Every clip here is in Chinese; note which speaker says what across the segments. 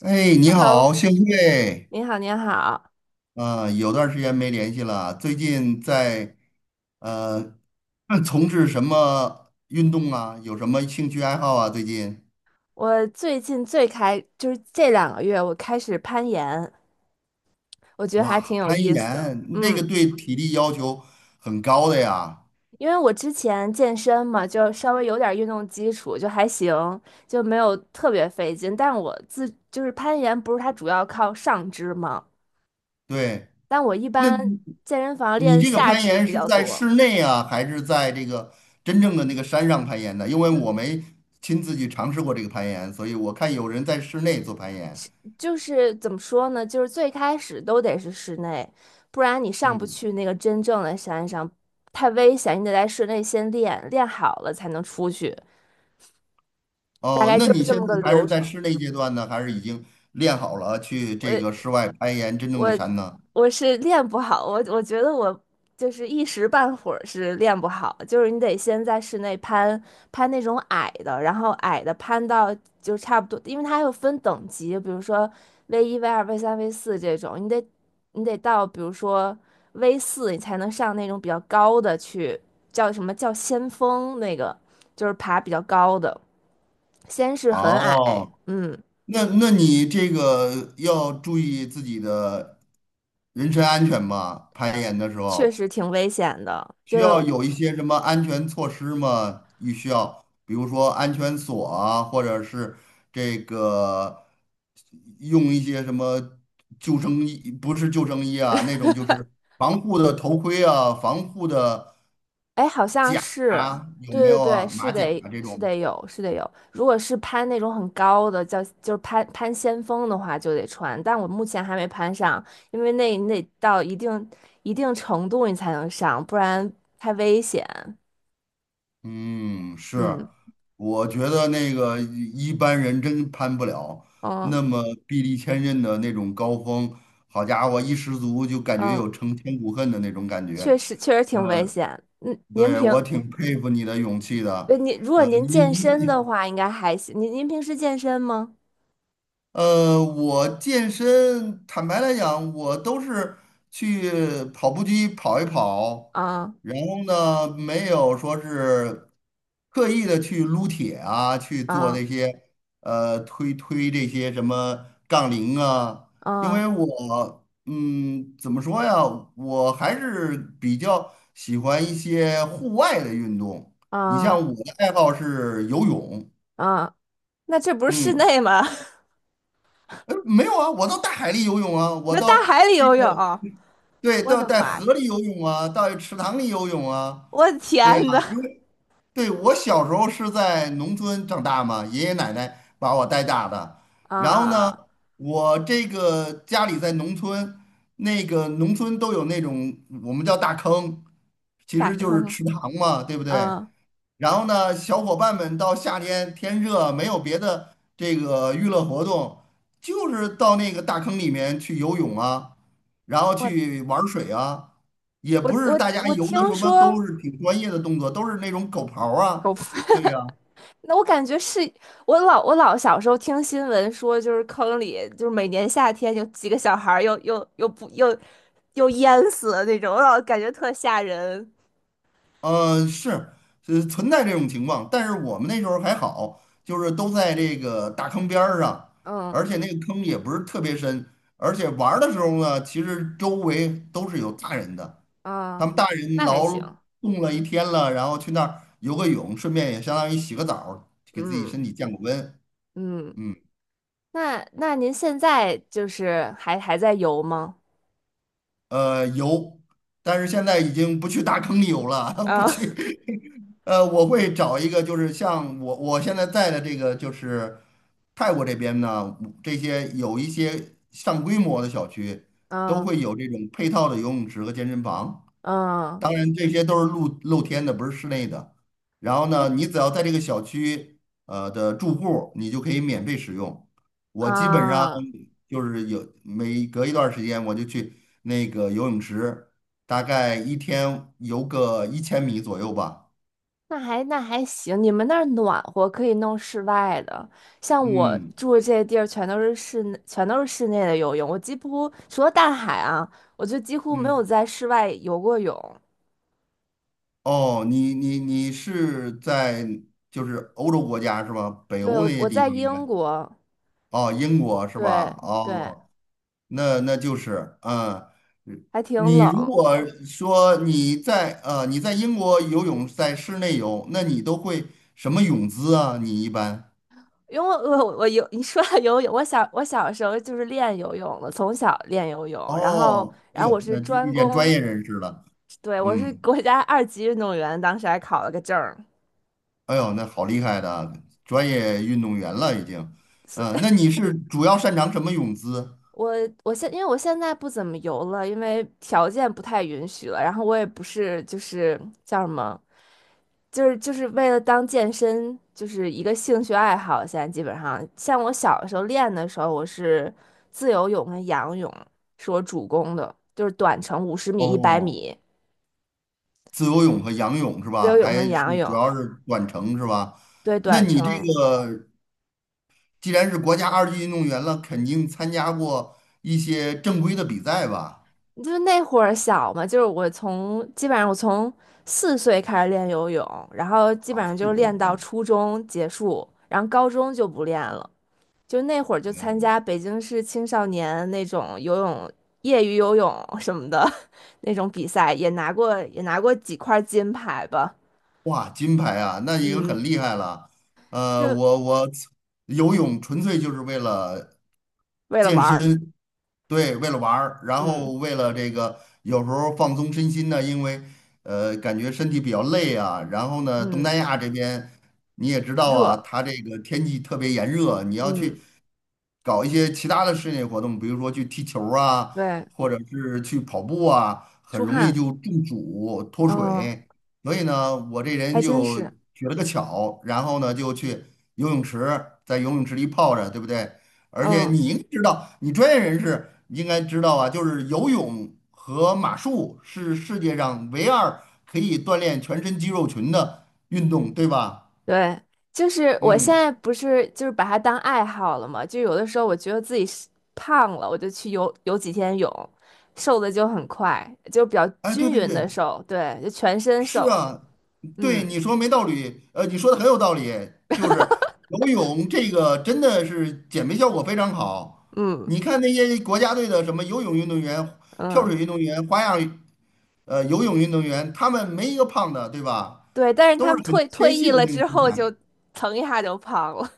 Speaker 1: 你
Speaker 2: Hello，
Speaker 1: 好，幸会。
Speaker 2: 你好，你好。
Speaker 1: 有段儿时间没联系了。最近在呃那 从事什么运动啊？有什么兴趣爱好啊？最近。
Speaker 2: 我最近最开，就是这2个月，我开始攀岩，我觉得还挺
Speaker 1: 哇，
Speaker 2: 有
Speaker 1: 攀
Speaker 2: 意思的。
Speaker 1: 岩，那个
Speaker 2: 嗯，
Speaker 1: 对体力要求很高的呀。
Speaker 2: 因为我之前健身嘛，就稍微有点运动基础，就还行，就没有特别费劲。但我自就是攀岩，不是它主要靠上肢嘛，
Speaker 1: 对。
Speaker 2: 但我一
Speaker 1: 那
Speaker 2: 般健身房
Speaker 1: 你
Speaker 2: 练
Speaker 1: 这个
Speaker 2: 下
Speaker 1: 攀
Speaker 2: 肢
Speaker 1: 岩
Speaker 2: 比
Speaker 1: 是
Speaker 2: 较
Speaker 1: 在
Speaker 2: 多。
Speaker 1: 室内啊，还是在这个真正的那个山上攀岩的？因为
Speaker 2: 嗯。
Speaker 1: 我没亲自去尝试过这个攀岩，所以我看有人在室内做攀岩。
Speaker 2: 就是怎么说呢？就是最开始都得是室内，不然你上不
Speaker 1: 嗯。
Speaker 2: 去那个真正的山上，太危险。你得在室内先练，练好了才能出去，大
Speaker 1: 哦，
Speaker 2: 概
Speaker 1: 那
Speaker 2: 就是
Speaker 1: 你
Speaker 2: 这
Speaker 1: 现
Speaker 2: 么
Speaker 1: 在
Speaker 2: 个
Speaker 1: 还
Speaker 2: 流
Speaker 1: 是在
Speaker 2: 程。
Speaker 1: 室内阶段呢，还是已经练好了去这个
Speaker 2: 我
Speaker 1: 室外攀岩真正的
Speaker 2: 我
Speaker 1: 山呢？
Speaker 2: 我是练不好，我觉得我就是一时半会儿是练不好，就是你得先在室内攀那种矮的，然后矮的攀到就差不多，因为它还有分等级，比如说 V1、V2、V3、V 四这种，你得到比如说 V 四，你才能上那种比较高的去，叫什么叫先锋那个，就是爬比较高的，先是很矮，
Speaker 1: 哦，
Speaker 2: 嗯，
Speaker 1: 那你这个要注意自己的人身安全吧，攀岩的时
Speaker 2: 确
Speaker 1: 候。
Speaker 2: 实挺危险的，
Speaker 1: 需要
Speaker 2: 就。
Speaker 1: 有一些什么安全措施吗？你需要，比如说安全锁啊，或者是这个用一些什么救生衣，不是救生衣啊，那种 就是防护的头盔啊，防护的
Speaker 2: 哎，好像
Speaker 1: 甲
Speaker 2: 是，
Speaker 1: 啊，有
Speaker 2: 对
Speaker 1: 没
Speaker 2: 对
Speaker 1: 有
Speaker 2: 对，
Speaker 1: 啊？马甲啊这
Speaker 2: 是
Speaker 1: 种。
Speaker 2: 得有，是得有。如果是攀那种很高的，叫就是攀先锋的话，就得穿。但我目前还没攀上，因为那那到一定程度你才能上，不然太危险。
Speaker 1: 嗯，是。
Speaker 2: 嗯
Speaker 1: 我觉得那个一般人真攀不了那
Speaker 2: 嗯
Speaker 1: 么臂力千仞的那种高峰，好家伙，一失足就感觉
Speaker 2: 嗯，
Speaker 1: 有成千古恨的那种感觉。
Speaker 2: 确实挺危险。嗯，
Speaker 1: 对，我挺佩服你的勇气的。
Speaker 2: 您如果
Speaker 1: 呃，你
Speaker 2: 健身
Speaker 1: 你
Speaker 2: 的 话，应该还行。您平时健身吗？
Speaker 1: 我健身，坦白来讲，我都是去跑步机跑一跑，
Speaker 2: 啊
Speaker 1: 然后呢，没有说是刻意的去撸铁啊，去做
Speaker 2: 啊
Speaker 1: 那些推推这些什么杠铃啊，因为
Speaker 2: 啊
Speaker 1: 我怎么说呀，我还是比较喜欢一些户外的运动。你像
Speaker 2: 啊
Speaker 1: 我的爱好是游泳。
Speaker 2: 啊！那这不是室
Speaker 1: 嗯。
Speaker 2: 内吗？
Speaker 1: 没有啊，我到大海里游泳啊，我
Speaker 2: 那大
Speaker 1: 到
Speaker 2: 海里
Speaker 1: 这
Speaker 2: 游
Speaker 1: 个，
Speaker 2: 泳，
Speaker 1: 对，
Speaker 2: 我
Speaker 1: 到
Speaker 2: 的
Speaker 1: 在
Speaker 2: 妈呀，
Speaker 1: 河里游泳啊，到池塘里游泳啊。
Speaker 2: 我的
Speaker 1: 对，
Speaker 2: 天呐
Speaker 1: 对，我小时候是在农村长大嘛，爷爷奶奶把我带大的。然后呢，
Speaker 2: 啊，
Speaker 1: 我这个家里在农村，那个农村都有那种我们叫大坑，其
Speaker 2: 大
Speaker 1: 实就是
Speaker 2: 坑，
Speaker 1: 池塘嘛，对不对？
Speaker 2: 啊，
Speaker 1: 然后呢，小伙伴们到夏天天热，没有别的这个娱乐活动，就是到那个大坑里面去游泳啊，然后
Speaker 2: 我
Speaker 1: 去玩水啊。也
Speaker 2: 我
Speaker 1: 不是
Speaker 2: 我
Speaker 1: 大家
Speaker 2: 我
Speaker 1: 游
Speaker 2: 听
Speaker 1: 的什么
Speaker 2: 说
Speaker 1: 都是挺专业的动作，都是那种狗刨
Speaker 2: 狗
Speaker 1: 啊。
Speaker 2: 粪，
Speaker 1: 对呀。
Speaker 2: 那我感觉是我老小时候听新闻说，就是坑里就是每年夏天有几个小孩儿又又又不又又淹死了那种，我老感觉特吓人。
Speaker 1: 是。存在这种情况，但是我们那时候还好，就是都在这个大坑边儿上，
Speaker 2: 嗯
Speaker 1: 而且那个坑也不是特别深，而且玩儿的时候呢，其实周围都是有大人的，他
Speaker 2: 嗯，
Speaker 1: 们大人
Speaker 2: 那还
Speaker 1: 劳
Speaker 2: 行，
Speaker 1: 动了一天了，然后去那儿游个泳，顺便也相当于洗个澡儿给自己
Speaker 2: 嗯
Speaker 1: 身体降个温。
Speaker 2: 嗯，
Speaker 1: 嗯。
Speaker 2: 那您现在就是还在游吗？
Speaker 1: 游。但是现在已经不去大坑里游了，不去
Speaker 2: 啊
Speaker 1: 呃，我会找一个，就是像我现在在的这个，就是泰国这边呢，这些有一些上规模的小区都
Speaker 2: 嗯。
Speaker 1: 会有这种配套的游泳池和健身房，
Speaker 2: 嗯，
Speaker 1: 当然这些都是露天的，不是室内的。然后
Speaker 2: 我
Speaker 1: 呢，你只要在这个小区的住户，你就可以免费使用。我基本上
Speaker 2: 啊，
Speaker 1: 就是有每隔一段时间我就去那个游泳池，大概一天游个1000米左右吧。
Speaker 2: 那还行，你们那儿暖和，可以弄室外的。像我
Speaker 1: 嗯。
Speaker 2: 住的这些地儿，全都是室内，全都是室内的游泳。我几乎除了大海啊，我就几乎没有
Speaker 1: 嗯，
Speaker 2: 在室外游过泳。
Speaker 1: 哦，你是在就是欧洲国家是吧？北
Speaker 2: 对，
Speaker 1: 欧
Speaker 2: 我
Speaker 1: 那些
Speaker 2: 我
Speaker 1: 地
Speaker 2: 在
Speaker 1: 方应该。
Speaker 2: 英国，
Speaker 1: 哦，英国是
Speaker 2: 对
Speaker 1: 吧？
Speaker 2: 对，
Speaker 1: 哦，那就是。嗯，
Speaker 2: 还挺
Speaker 1: 你如
Speaker 2: 冷。
Speaker 1: 果说你在英国游泳在室内游，那你都会什么泳姿啊？你一般。
Speaker 2: 因为我游，你说到游泳，我小时候就是练游泳的，从小练游泳，
Speaker 1: 哦，哎
Speaker 2: 然后
Speaker 1: 呦，
Speaker 2: 我是
Speaker 1: 那就
Speaker 2: 专
Speaker 1: 遇见专
Speaker 2: 攻，
Speaker 1: 业人士了。
Speaker 2: 对，我是
Speaker 1: 嗯。
Speaker 2: 国家2级运动员，当时还考了个证。
Speaker 1: 哎呦，那好厉害的，专业运动员了已经。
Speaker 2: 是
Speaker 1: 嗯，那 你是主要擅长什么泳姿？
Speaker 2: 我我现因为我现在不怎么游了，因为条件不太允许了。然后我也不是就是叫什么，就是为了当健身，就是一个兴趣爱好。现在基本上，像我小的时候练的时候，我是自由泳跟仰泳是我主攻的，就是短程50米、一百
Speaker 1: 哦，
Speaker 2: 米，
Speaker 1: 自由泳和仰泳是
Speaker 2: 自
Speaker 1: 吧？
Speaker 2: 由泳
Speaker 1: 还
Speaker 2: 跟仰
Speaker 1: 是主
Speaker 2: 泳，
Speaker 1: 要是短程是吧？
Speaker 2: 对，
Speaker 1: 那
Speaker 2: 短
Speaker 1: 你这
Speaker 2: 程。
Speaker 1: 个既然是国家二级运动员了，肯定参加过一些正规的比赛吧？
Speaker 2: 就是那会儿小嘛，就是基本上我从4岁开始练游泳，然后基
Speaker 1: 啊，
Speaker 2: 本上就是
Speaker 1: 4岁
Speaker 2: 练到
Speaker 1: 哦。
Speaker 2: 初中结束，然后高中就不练了。就那会儿就
Speaker 1: 哎，
Speaker 2: 参加北京市青少年那种游泳业余游泳什么的 那种比赛，也拿过几块金牌吧。
Speaker 1: 哇，金牌啊，那已经
Speaker 2: 嗯，
Speaker 1: 很厉害了。
Speaker 2: 就
Speaker 1: 我游泳纯粹就是为了
Speaker 2: 为了
Speaker 1: 健
Speaker 2: 玩儿。
Speaker 1: 身。对，为了玩儿，然后
Speaker 2: 嗯
Speaker 1: 为了这个有时候放松身心呢，因为感觉身体比较累啊。然后呢，东
Speaker 2: 嗯，
Speaker 1: 南亚这边你也知道啊，
Speaker 2: 热。
Speaker 1: 它这个天气特别炎热，你要
Speaker 2: 嗯，
Speaker 1: 去搞一些其他的室内活动，比如说去踢球儿啊，
Speaker 2: 对，
Speaker 1: 或者是去跑步啊，很
Speaker 2: 出
Speaker 1: 容易
Speaker 2: 汗。
Speaker 1: 就中暑脱
Speaker 2: 嗯，
Speaker 1: 水。所以呢，我这人
Speaker 2: 还真
Speaker 1: 就
Speaker 2: 是。
Speaker 1: 取了个巧，然后呢就去游泳池，在游泳池里泡着，对不对？而且你
Speaker 2: 嗯。
Speaker 1: 应该知道，你专业人士应该知道啊，就是游泳和马术是世界上唯二可以锻炼全身肌肉群的运动，对吧？
Speaker 2: 对，就是我现
Speaker 1: 嗯，
Speaker 2: 在不是就是把它当爱好了嘛，就有的时候我觉得自己是胖了，我就去游游几天泳，瘦的就很快，就比较
Speaker 1: 哎，对
Speaker 2: 均
Speaker 1: 对
Speaker 2: 匀
Speaker 1: 对，
Speaker 2: 的瘦，对，就全身
Speaker 1: 是
Speaker 2: 瘦，
Speaker 1: 啊。对
Speaker 2: 嗯
Speaker 1: 你说没道理，你说的很有道理，就是游泳这个真的是减肥效果非常好。
Speaker 2: 嗯
Speaker 1: 你看那些国家队的什么游泳运动员、跳水
Speaker 2: 嗯，
Speaker 1: 运动员、花样游泳运动员，他们没一个胖的，对吧？
Speaker 2: 对，但是
Speaker 1: 都是
Speaker 2: 他们
Speaker 1: 很纤
Speaker 2: 退役
Speaker 1: 细的
Speaker 2: 了
Speaker 1: 那种
Speaker 2: 之
Speaker 1: 身
Speaker 2: 后
Speaker 1: 材。
Speaker 2: 就蹭一下就胖了，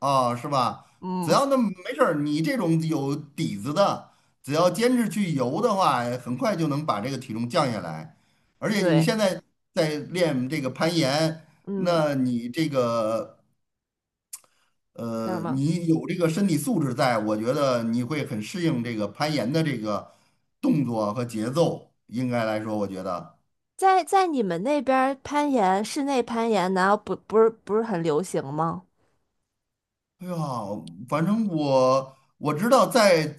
Speaker 1: 哦，是吧？只
Speaker 2: 嗯，
Speaker 1: 要那没事儿，你这种有底子的，只要坚持去游的话，很快就能把这个体重降下来。而且你
Speaker 2: 对，
Speaker 1: 现在在练这个攀岩，
Speaker 2: 嗯，
Speaker 1: 那你这个
Speaker 2: 叫什么？
Speaker 1: 你有这个身体素质在，我觉得你会很适应这个攀岩的这个动作和节奏。应该来说，我觉得。
Speaker 2: 在你们那边儿攀岩，室内攀岩难道不是很流行吗？
Speaker 1: 哎呀，反正我知道在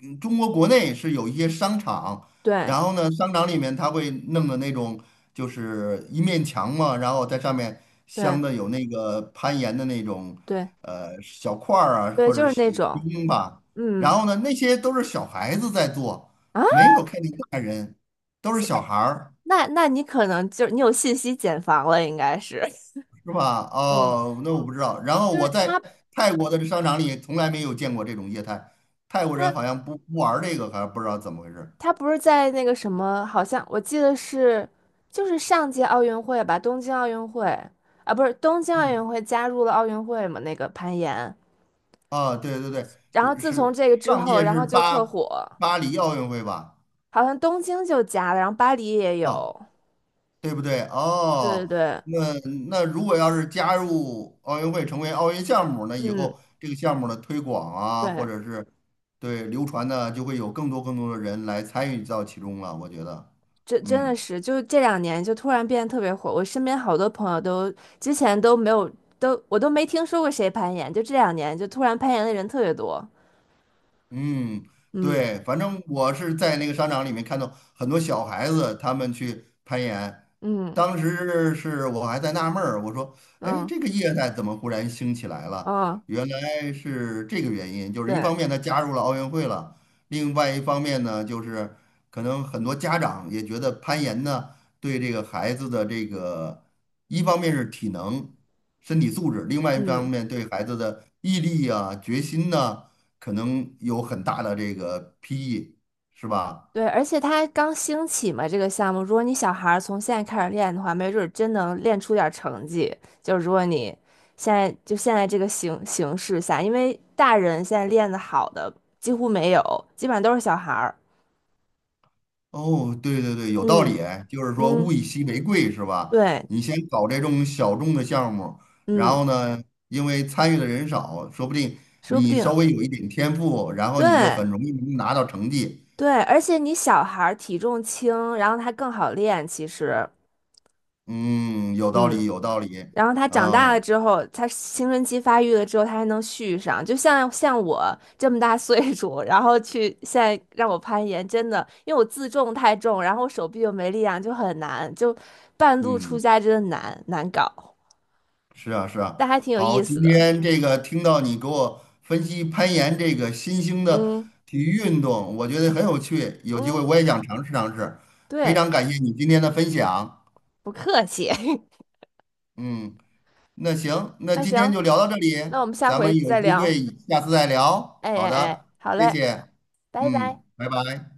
Speaker 1: 中国国内是有一些商场，
Speaker 2: 对
Speaker 1: 然后呢，商场里面它会弄的那种就是一面墙嘛，然后在上面镶
Speaker 2: 对
Speaker 1: 的有那个攀岩的那种
Speaker 2: 对
Speaker 1: 小块儿啊，
Speaker 2: 对，
Speaker 1: 或者
Speaker 2: 就是那
Speaker 1: 是
Speaker 2: 种。
Speaker 1: 钉吧，
Speaker 2: 嗯。
Speaker 1: 然后呢，那些都是小孩子在做，
Speaker 2: 啊，
Speaker 1: 没有看见大人，都是小孩儿。
Speaker 2: 那那你可能就是你有信息茧房了，应该是，
Speaker 1: 是吧？
Speaker 2: 嗯，
Speaker 1: 哦，那我不知道。然后
Speaker 2: 就
Speaker 1: 我
Speaker 2: 是
Speaker 1: 在泰国的商场里从来没有见过这种业态，泰国人
Speaker 2: 他
Speaker 1: 好像不玩儿这个，还不知道怎么回事。
Speaker 2: 他不是在那个什么，好像我记得是就是上届奥运会吧，东京奥运会啊，不是东京奥
Speaker 1: 嗯，
Speaker 2: 运会加入了奥运会嘛，那个攀岩，
Speaker 1: 啊，对对对，
Speaker 2: 然后
Speaker 1: 是
Speaker 2: 自从
Speaker 1: 是，
Speaker 2: 这个之
Speaker 1: 上
Speaker 2: 后，
Speaker 1: 届
Speaker 2: 然
Speaker 1: 是
Speaker 2: 后就特火，
Speaker 1: 巴黎奥运会吧？
Speaker 2: 好像东京就加了，然后巴黎也
Speaker 1: 啊，
Speaker 2: 有，
Speaker 1: 对不对？
Speaker 2: 对对
Speaker 1: 哦，
Speaker 2: 对，
Speaker 1: 那那如果要是加入奥运会，成为奥运项目，那以
Speaker 2: 嗯，
Speaker 1: 后这个项目的推广啊，或
Speaker 2: 对，
Speaker 1: 者是对流传呢，就会有更多更多的人来参与到其中了。我觉得。
Speaker 2: 这真的
Speaker 1: 嗯。
Speaker 2: 是，就这两年就突然变得特别火。我身边好多朋友都之前都没有，我都没听说过谁攀岩，就这两年就突然攀岩的人特别多。
Speaker 1: 嗯，
Speaker 2: 嗯
Speaker 1: 对，反正我是在那个商场里面看到很多小孩子他们去攀岩，
Speaker 2: 嗯
Speaker 1: 当时是我还在纳闷儿，我说，哎，
Speaker 2: 嗯
Speaker 1: 这个业态怎么忽然兴起来了？
Speaker 2: 嗯，
Speaker 1: 原来是这个原因，就是一
Speaker 2: 对，
Speaker 1: 方面它加入了奥运会了，另外一方面呢，就是可能很多家长也觉得攀岩呢对这个孩子的这个，一方面是体能、身体素质，另外一方
Speaker 2: 嗯，
Speaker 1: 面对孩子的毅力啊、决心呐。可能有很大的这个裨益，是吧？
Speaker 2: 对，而且它刚兴起嘛，这个项目，如果你小孩儿从现在开始练的话，没准儿真能练出点儿成绩。就如果你现在就现在这个形势下，因为大人现在练的好的几乎没有，基本上都是小孩儿。
Speaker 1: 哦，对对对，有道
Speaker 2: 嗯
Speaker 1: 理。哎，就是说
Speaker 2: 嗯。
Speaker 1: 物以稀为贵，是吧？
Speaker 2: 对，
Speaker 1: 你先搞这种小众的项目，然
Speaker 2: 嗯，
Speaker 1: 后呢，因为参与的人少，说不定
Speaker 2: 说不
Speaker 1: 你
Speaker 2: 定，
Speaker 1: 稍微有一点天赋，然后你就
Speaker 2: 对
Speaker 1: 很容易能拿到成绩。
Speaker 2: 对，而且你小孩儿体重轻，然后他更好练，其实，
Speaker 1: 嗯，有道
Speaker 2: 嗯，
Speaker 1: 理，有道理。
Speaker 2: 然后他长大了
Speaker 1: 啊，
Speaker 2: 之后，他青春期发育了之后，他还能续上，像我这么大岁数，然后去现在让我攀岩，真的，因为我自重太重，然后我手臂又没力量，就很难，就半路出
Speaker 1: 嗯。
Speaker 2: 家真的难搞，
Speaker 1: 是啊，是啊。
Speaker 2: 但还挺有
Speaker 1: 好，
Speaker 2: 意思
Speaker 1: 今
Speaker 2: 的，
Speaker 1: 天这个听到你给我分析攀岩这个新兴的
Speaker 2: 嗯
Speaker 1: 体育运动，我觉得很有趣，有机会
Speaker 2: 嗯，
Speaker 1: 我也想尝试尝试。非
Speaker 2: 对，
Speaker 1: 常感谢你今天的分享。
Speaker 2: 不客气，
Speaker 1: 嗯，那行，那
Speaker 2: 那
Speaker 1: 今天
Speaker 2: 行，
Speaker 1: 就聊到这里，
Speaker 2: 那我们下
Speaker 1: 咱们
Speaker 2: 回
Speaker 1: 有
Speaker 2: 再
Speaker 1: 机
Speaker 2: 聊。
Speaker 1: 会下次再聊。
Speaker 2: 哎
Speaker 1: 好
Speaker 2: 哎哎，
Speaker 1: 的，
Speaker 2: 好
Speaker 1: 谢
Speaker 2: 嘞，
Speaker 1: 谢。
Speaker 2: 拜拜。
Speaker 1: 嗯，拜拜。